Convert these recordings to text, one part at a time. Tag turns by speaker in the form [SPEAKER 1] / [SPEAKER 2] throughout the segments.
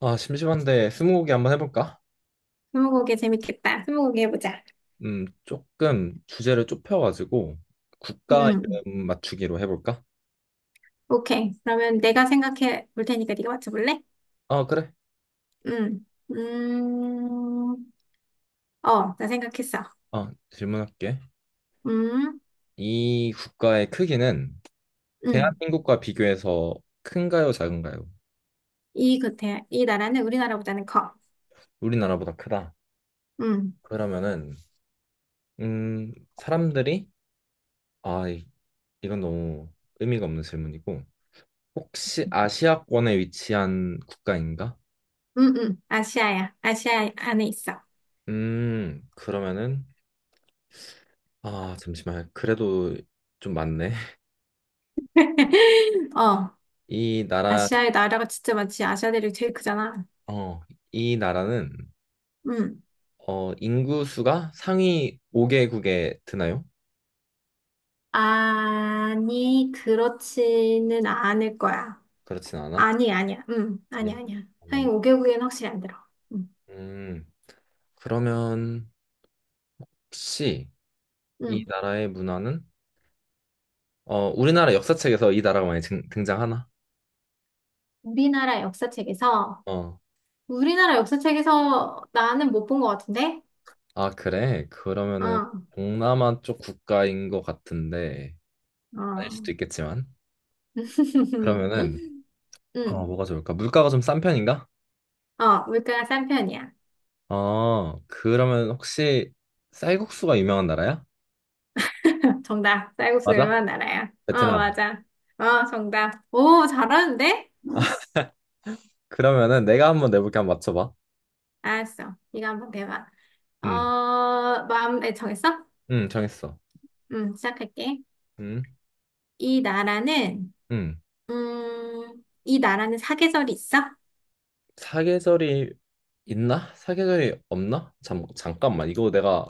[SPEAKER 1] 아, 심심한데 스무고개 한번 해볼까?
[SPEAKER 2] 스무고개 재밌겠다. 스무고개 해보자.
[SPEAKER 1] 조금 주제를 좁혀가지고 국가
[SPEAKER 2] 음,
[SPEAKER 1] 이름 맞추기로 해볼까?
[SPEAKER 2] 오케이. 그러면 내가 생각해 볼 테니까 네가 맞춰볼래?
[SPEAKER 1] 아, 그래.
[SPEAKER 2] 음, 음, 나 생각했어.
[SPEAKER 1] 아, 질문할게.
[SPEAKER 2] 음,
[SPEAKER 1] 이 국가의 크기는
[SPEAKER 2] 음.
[SPEAKER 1] 대한민국과 비교해서 큰가요, 작은가요?
[SPEAKER 2] 이 나라는 우리나라보다는 커.
[SPEAKER 1] 우리나라보다 크다.
[SPEAKER 2] 음,
[SPEAKER 1] 그러면은 사람들이 아, 이- 이건 너무 의미가 없는 질문이고 혹시 아시아권에 위치한 국가인가?
[SPEAKER 2] 아시아야. 아시아 안에 있어.
[SPEAKER 1] 그러면은 아, 잠시만. 그래도 좀 많네.
[SPEAKER 2] 어,
[SPEAKER 1] 이 나라,
[SPEAKER 2] 아시아의 나라가 진짜 많지. 아시아 대륙이 제일 크잖아.
[SPEAKER 1] 어, 이 나라는
[SPEAKER 2] 음.
[SPEAKER 1] 어, 인구 수가 상위 5개국에 드나요?
[SPEAKER 2] 아니, 그렇지는 않을 거야.
[SPEAKER 1] 그렇진 않아?
[SPEAKER 2] 아니, 아니야. 아니,
[SPEAKER 1] 아니야.
[SPEAKER 2] 아니야. 상위
[SPEAKER 1] 그러면은
[SPEAKER 2] 5개국에는 확실히 안 들어. 음,
[SPEAKER 1] 음, 그러면 혹시 이
[SPEAKER 2] 음.
[SPEAKER 1] 나라의 문화는 어, 우리나라 역사책에서 이 나라가 많이 등장하나?
[SPEAKER 2] 우리나라 역사책에서,
[SPEAKER 1] 어.
[SPEAKER 2] 우리나라 역사책에서 나는 못 본 것 같은데?
[SPEAKER 1] 아, 그래. 그러면은
[SPEAKER 2] 어,
[SPEAKER 1] 동남아 쪽 국가인 것 같은데 아닐
[SPEAKER 2] 어.
[SPEAKER 1] 수도 있겠지만 그러면은 어,
[SPEAKER 2] 음,
[SPEAKER 1] 뭐가 좋을까? 물가가 좀 싼 편인가?
[SPEAKER 2] 어, 물가가 싼 편이야.
[SPEAKER 1] 어, 그러면 혹시 쌀국수가 유명한 나라야?
[SPEAKER 2] 정답. 쌀국수
[SPEAKER 1] 맞아?
[SPEAKER 2] 유명한 나라야. 어,
[SPEAKER 1] 베트남.
[SPEAKER 2] 맞아. 어, 정답. 오, 잘하는데?
[SPEAKER 1] 그러면은 내가 한번 내볼게 한번 맞춰봐.
[SPEAKER 2] 알았어. 이거 한번 내봐. 어,
[SPEAKER 1] 응,
[SPEAKER 2] 마음에 정했어?
[SPEAKER 1] 응, 정했어.
[SPEAKER 2] 시작할게.
[SPEAKER 1] 응,
[SPEAKER 2] 이 나라는,
[SPEAKER 1] 응.
[SPEAKER 2] 이 나라는 사계절이 있어?
[SPEAKER 1] 사계절이 있나? 사계절이 없나? 잠깐만. 이거 내가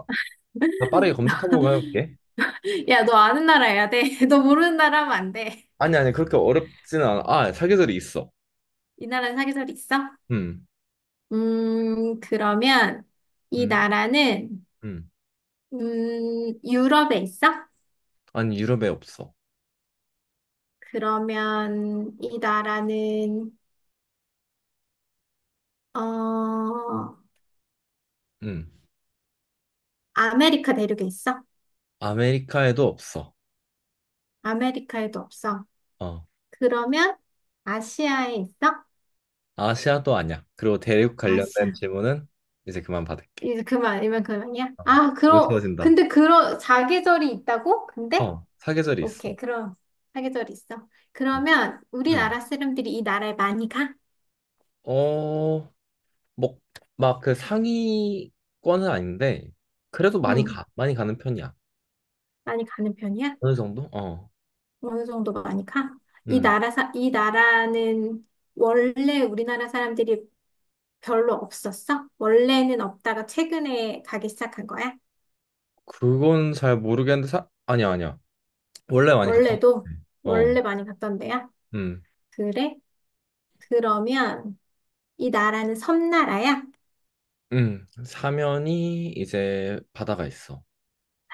[SPEAKER 1] 나 빠르게 검색 한번 해볼게.
[SPEAKER 2] 야, 너 아는 나라 해야 돼. 너 모르는 나라 하면 안 돼.
[SPEAKER 1] 아니, 아니, 그렇게 어렵지는 않아. 아, 사계절이 있어.
[SPEAKER 2] 이 나라는 사계절이 있어?
[SPEAKER 1] 응,
[SPEAKER 2] 그러면 이
[SPEAKER 1] 응,
[SPEAKER 2] 나라는,
[SPEAKER 1] 응.
[SPEAKER 2] 유럽에 있어?
[SPEAKER 1] 아니, 유럽에 없어.
[SPEAKER 2] 그러면 이 나라는, 어,
[SPEAKER 1] 응.
[SPEAKER 2] 아메리카 대륙에 있어?
[SPEAKER 1] 아메리카에도 없어.
[SPEAKER 2] 아메리카에도 없어.
[SPEAKER 1] 어.
[SPEAKER 2] 그러면 아시아에 있어?
[SPEAKER 1] 아시아도 아니야. 그리고 대륙 관련된
[SPEAKER 2] 아시아.
[SPEAKER 1] 질문은 이제 그만 받을게.
[SPEAKER 2] 이만 그만이야?
[SPEAKER 1] 어. 너무 쉬워진다.
[SPEAKER 2] 근데 사계절이 있다고? 근데?
[SPEAKER 1] 어, 사계절이 있어.
[SPEAKER 2] 오케이, 그럼 사계절 있어.
[SPEAKER 1] 응.
[SPEAKER 2] 그러면
[SPEAKER 1] 응.
[SPEAKER 2] 우리나라 사람들이 이 나라에 많이 가?
[SPEAKER 1] 어, 뭐, 막 그 상위권은 아닌데, 그래도 많이
[SPEAKER 2] 응,
[SPEAKER 1] 가. 많이 가는 편이야.
[SPEAKER 2] 많이 가는 편이야?
[SPEAKER 1] 어느 정도? 어.
[SPEAKER 2] 어느 정도 많이 가?
[SPEAKER 1] 음.
[SPEAKER 2] 이 나라는 원래 우리나라 사람들이 별로 없었어? 원래는 없다가 최근에 가기 시작한 거야?
[SPEAKER 1] 그건 잘 모르겠는데, 사... 아니야, 아니야. 원래 많이 갔던 것
[SPEAKER 2] 원래도
[SPEAKER 1] 같아. 어.
[SPEAKER 2] 원래 많이 갔던 데야?
[SPEAKER 1] 음.
[SPEAKER 2] 그래? 그러면 이 나라는 섬나라야?
[SPEAKER 1] 음. 사면이 이제 바다가 있어.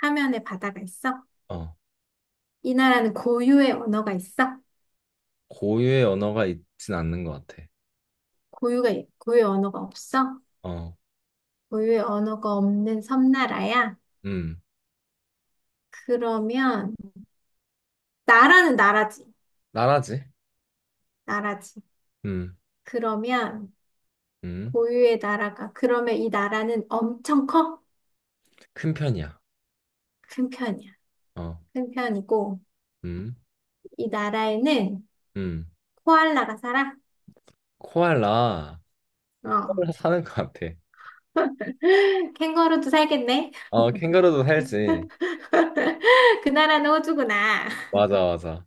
[SPEAKER 2] 사면에 바다가 있어?
[SPEAKER 1] 어.
[SPEAKER 2] 이 나라는 고유의 언어가 있어?
[SPEAKER 1] 고유의 언어가 있진 않는 것 같아.
[SPEAKER 2] 고유가 고유의 언어가 없어?
[SPEAKER 1] 어.
[SPEAKER 2] 고유의 언어가 없는 섬나라야?
[SPEAKER 1] 음.
[SPEAKER 2] 그러면 나라는 나라지.
[SPEAKER 1] 나라지?
[SPEAKER 2] 나라지.
[SPEAKER 1] 음.
[SPEAKER 2] 그러면
[SPEAKER 1] 음.
[SPEAKER 2] 고유의 나라가 그러면 이 나라는 엄청 커?
[SPEAKER 1] 큰 편이야.
[SPEAKER 2] 큰 편이야.
[SPEAKER 1] 어.
[SPEAKER 2] 큰 편이고
[SPEAKER 1] 음.
[SPEAKER 2] 이 나라에는
[SPEAKER 1] 음.
[SPEAKER 2] 코알라가 살아?
[SPEAKER 1] 코알라.
[SPEAKER 2] 어.
[SPEAKER 1] 코알라 사는 것 같아.
[SPEAKER 2] 캥거루도 살겠네.
[SPEAKER 1] 어, 캥거루도 살지.
[SPEAKER 2] 그 나라는 호주구나.
[SPEAKER 1] 맞아, 맞아.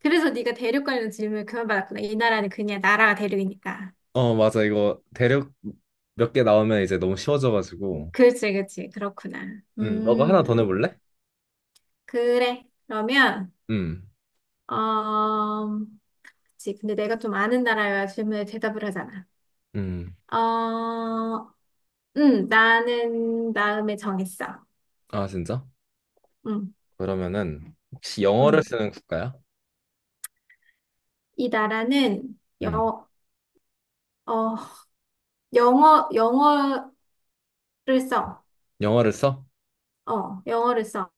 [SPEAKER 2] 그래서 네가 대륙 관련 질문을 그만받았구나. 이 나라는 그냥 나라가 대륙이니까.
[SPEAKER 1] 어, 맞아. 이거 대륙 몇 개 나오면 이제 너무 쉬워져가지고.
[SPEAKER 2] 그렇지, 그렇지. 그렇구나.
[SPEAKER 1] 너가 하나 더 내볼래?
[SPEAKER 2] 그래. 그러면
[SPEAKER 1] 음,
[SPEAKER 2] 어, 그치. 근데 내가 좀 아는 나라여야 질문에 대답을 하잖아.
[SPEAKER 1] 음.
[SPEAKER 2] 어, 나는 마음에 정했어.
[SPEAKER 1] 아, 진짜?
[SPEAKER 2] 음,
[SPEAKER 1] 그러면은 혹시 영어를
[SPEAKER 2] 음.
[SPEAKER 1] 쓰는 국가야?
[SPEAKER 2] 이 나라는
[SPEAKER 1] 음,
[SPEAKER 2] 어, 영어를 써.
[SPEAKER 1] 영어를 써?
[SPEAKER 2] 어, 영어를 써.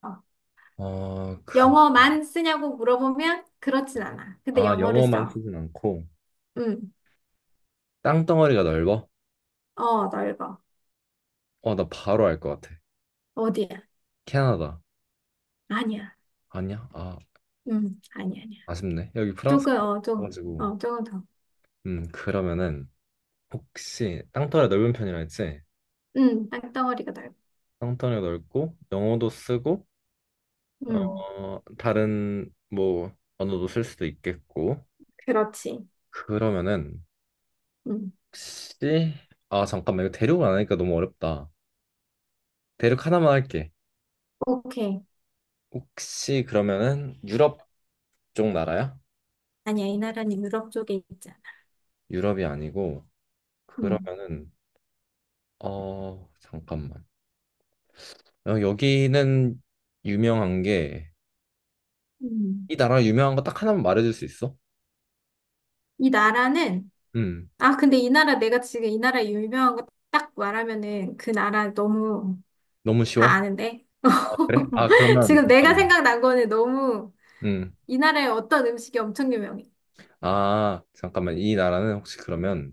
[SPEAKER 1] 어, 그,
[SPEAKER 2] 영어만 쓰냐고 물어보면 그렇진 않아. 근데
[SPEAKER 1] 아,
[SPEAKER 2] 영어를
[SPEAKER 1] 영어만
[SPEAKER 2] 써.
[SPEAKER 1] 쓰진 않고
[SPEAKER 2] 음,
[SPEAKER 1] 땅덩어리가 넓어?
[SPEAKER 2] 어, 넓어.
[SPEAKER 1] 어, 나 바로 알 것 같아.
[SPEAKER 2] 어디야?
[SPEAKER 1] 캐나다.
[SPEAKER 2] 아니야.
[SPEAKER 1] 아니야? 아,
[SPEAKER 2] 아니야, 아니야.
[SPEAKER 1] 아쉽네. 여기 프랑스
[SPEAKER 2] 조금, 어, 좀,
[SPEAKER 1] 가지고.
[SPEAKER 2] 어, 조금 더.
[SPEAKER 1] 그러면은 혹시 땅덩어리 넓은 편이라 했지?
[SPEAKER 2] 땅덩어리가 넓어.
[SPEAKER 1] 땅덩어리 넓고 영어도 쓰고
[SPEAKER 2] 음,
[SPEAKER 1] 어, 다른 뭐 언어도 쓸 수도 있겠고.
[SPEAKER 2] 그렇지.
[SPEAKER 1] 그러면은
[SPEAKER 2] 음,
[SPEAKER 1] 혹시 아 잠깐만 이거 대륙을 안 하니까 너무 어렵다. 대륙 하나만 할게.
[SPEAKER 2] 오케이.
[SPEAKER 1] 혹시 그러면은 유럽 쪽 나라야?
[SPEAKER 2] 아니야, 이 나라는 유럽 쪽에 있잖아.
[SPEAKER 1] 유럽이 아니고
[SPEAKER 2] 음,
[SPEAKER 1] 그러면은 어 잠깐만. 어, 여기는 유명한 게
[SPEAKER 2] 음.
[SPEAKER 1] 이 나라 유명한 거 딱 하나만 말해줄 수 있어?
[SPEAKER 2] 이 나라는,
[SPEAKER 1] 음
[SPEAKER 2] 내가 지금 이 나라 유명한 거 딱 말하면은 그 나라 너무
[SPEAKER 1] 너무
[SPEAKER 2] 다
[SPEAKER 1] 쉬워.
[SPEAKER 2] 아는데?
[SPEAKER 1] 아, 그래? 아 그러면
[SPEAKER 2] 지금 내가
[SPEAKER 1] 잠깐만.
[SPEAKER 2] 생각난 거는 너무
[SPEAKER 1] 음.
[SPEAKER 2] 이 나라의 어떤 음식이 엄청 유명해.
[SPEAKER 1] 아 잠깐만 이 나라는 혹시 그러면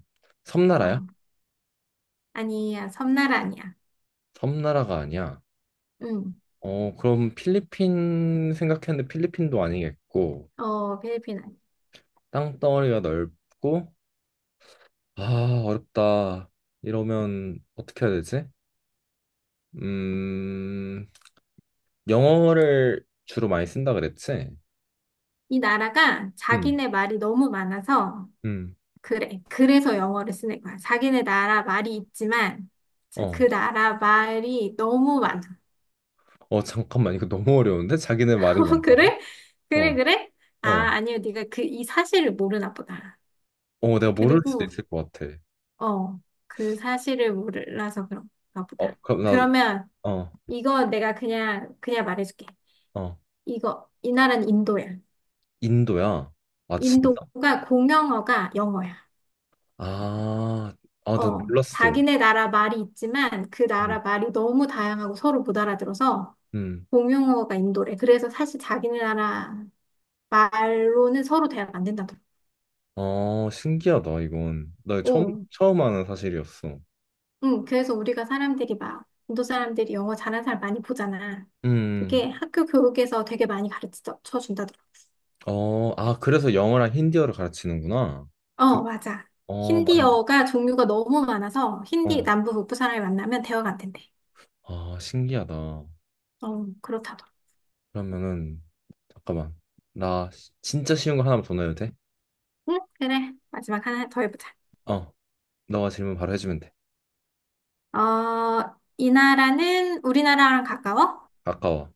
[SPEAKER 2] 어,
[SPEAKER 1] 섬나라야?
[SPEAKER 2] 아니야, 섬나라 아니야.
[SPEAKER 1] 섬나라가 아니야.
[SPEAKER 2] 음,
[SPEAKER 1] 어, 그럼 필리핀 생각했는데 필리핀도 아니겠고,
[SPEAKER 2] 어, 필리핀 아니야.
[SPEAKER 1] 땅덩어리가 넓고, 아, 어렵다. 이러면 어떻게 해야 되지? 음, 영어를 주로 많이 쓴다 그랬지?
[SPEAKER 2] 이 나라가
[SPEAKER 1] 응,
[SPEAKER 2] 자기네 말이 너무 많아서
[SPEAKER 1] 응
[SPEAKER 2] 그래. 그래서 영어를 쓰는 거야. 자기네 나라 말이 있지만, 자,
[SPEAKER 1] 어,
[SPEAKER 2] 그 나라 말이 너무 많아.
[SPEAKER 1] 어, 잠깐만, 이거 너무 어려운데? 자기네 말이
[SPEAKER 2] 어,
[SPEAKER 1] 많다고?
[SPEAKER 2] 그래? 그래,
[SPEAKER 1] 어,
[SPEAKER 2] 그래? 아,
[SPEAKER 1] 어,
[SPEAKER 2] 아니요. 네가 그 이 사실을 모르나 보다.
[SPEAKER 1] 어, 내가 모를 수도
[SPEAKER 2] 그리고,
[SPEAKER 1] 있을 것 같아.
[SPEAKER 2] 어, 그 사실을 몰라서 그런가
[SPEAKER 1] 어,
[SPEAKER 2] 보다.
[SPEAKER 1] 그럼 나,
[SPEAKER 2] 그러면
[SPEAKER 1] 어,
[SPEAKER 2] 이거 내가 그냥 말해줄게.
[SPEAKER 1] 어,
[SPEAKER 2] 이 나라는 인도야.
[SPEAKER 1] 인도야? 아, 진짜?
[SPEAKER 2] 인도가 공용어가 영어야.
[SPEAKER 1] 아, 아, 나
[SPEAKER 2] 어,
[SPEAKER 1] 몰랐어.
[SPEAKER 2] 자기네 나라 말이 있지만 그
[SPEAKER 1] 음.
[SPEAKER 2] 나라 말이 너무 다양하고 서로 못 알아들어서
[SPEAKER 1] 음.
[SPEAKER 2] 공용어가 인도래. 그래서 사실 자기네 나라 말로는 서로 대화가 안 된다더라고.
[SPEAKER 1] 아, 신기하다, 이건. 나 처음,
[SPEAKER 2] 어,
[SPEAKER 1] 처음 아는 사실이었어.
[SPEAKER 2] 응, 그래서 우리가 사람들이 막 인도 사람들이 영어 잘하는 사람 많이 보잖아.
[SPEAKER 1] 음,
[SPEAKER 2] 그게 학교 교육에서 되게 많이 가르쳐 준다더라고.
[SPEAKER 1] 어, 아, 그래서 영어랑 힌디어를 가르치는구나. 그,
[SPEAKER 2] 어, 맞아.
[SPEAKER 1] 어, 맞네.
[SPEAKER 2] 힌디어가 종류가 너무 많아서 힌디
[SPEAKER 1] 어.
[SPEAKER 2] 남부 북부 사람이 만나면 대화가 안 된대.
[SPEAKER 1] 아, 신기하다.
[SPEAKER 2] 어, 그렇다더라고.
[SPEAKER 1] 그러면은, 잠깐만. 진짜 쉬운 거 하나만 더 넣어도 돼?
[SPEAKER 2] 응, 그래. 마지막 하나 더 해보자.
[SPEAKER 1] 어, 너가 질문 바로 해주면 돼.
[SPEAKER 2] 어, 이 나라는 우리나라랑 가까워?
[SPEAKER 1] 아까워.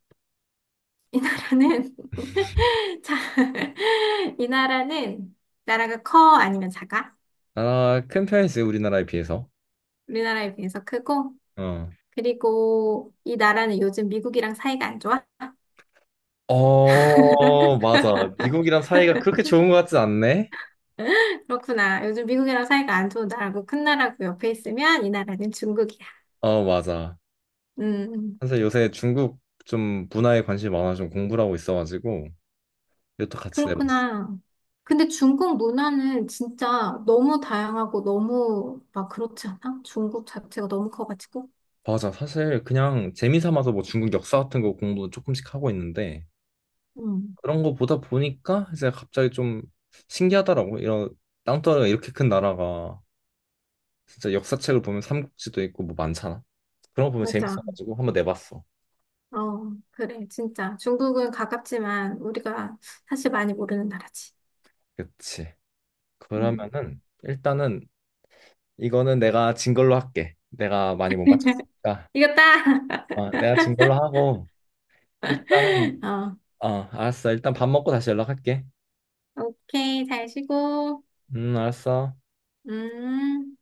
[SPEAKER 2] 이 나라는 자, 이 나라는 나라가 커 아니면 작아?
[SPEAKER 1] 나라 큰 편이지, 우리나라에 비해서.
[SPEAKER 2] 우리나라에 비해서 크고
[SPEAKER 1] 어.
[SPEAKER 2] 그리고 이 나라는 요즘 미국이랑 사이가 안 좋아?
[SPEAKER 1] 어, 맞아. 미국이랑 사이가 그렇게 좋은 것 같진 않네?
[SPEAKER 2] 그렇구나. 요즘 미국이랑 사이가 안 좋은 나라고 큰 나라고 옆에 있으면 이 나라는 중국이야.
[SPEAKER 1] 어, 맞아.
[SPEAKER 2] 음.
[SPEAKER 1] 사실 요새 중국 좀 문화에 관심이 많아 좀 공부를 하고 있어가지고 이것도 같이 내봤어.
[SPEAKER 2] 그렇구나. 근데 중국 문화는 진짜 너무 다양하고 너무 막 그렇지 않아? 중국 자체가 너무 커가지고.
[SPEAKER 1] 맞아. 사실 그냥 재미 삼아서 뭐 중국 역사 같은 거 공부 조금씩 하고 있는데
[SPEAKER 2] 응,
[SPEAKER 1] 그런 거 보다 보니까 이제 갑자기 좀 신기하더라고. 이런 땅덩어리가 이렇게 큰 나라가 진짜 역사책을 보면 삼국지도 있고 뭐 많잖아. 그런 거 보면
[SPEAKER 2] 맞아.
[SPEAKER 1] 재밌어가지고 한번 내봤어.
[SPEAKER 2] 어, 그래, 진짜. 중국은 가깝지만 우리가 사실 많이 모르는 나라지.
[SPEAKER 1] 그치.
[SPEAKER 2] 음.
[SPEAKER 1] 그러면은 일단은 이거는 내가 진 걸로 할게. 내가 많이 못 맞췄으니까.
[SPEAKER 2] 이겼다!
[SPEAKER 1] 아, 내가 진 걸로 하고 일단은
[SPEAKER 2] 어,
[SPEAKER 1] 어, 알았어. 일단 밥 먹고 다시 연락할게.
[SPEAKER 2] 오케이, 잘 쉬고.
[SPEAKER 1] 알았어.
[SPEAKER 2] 음.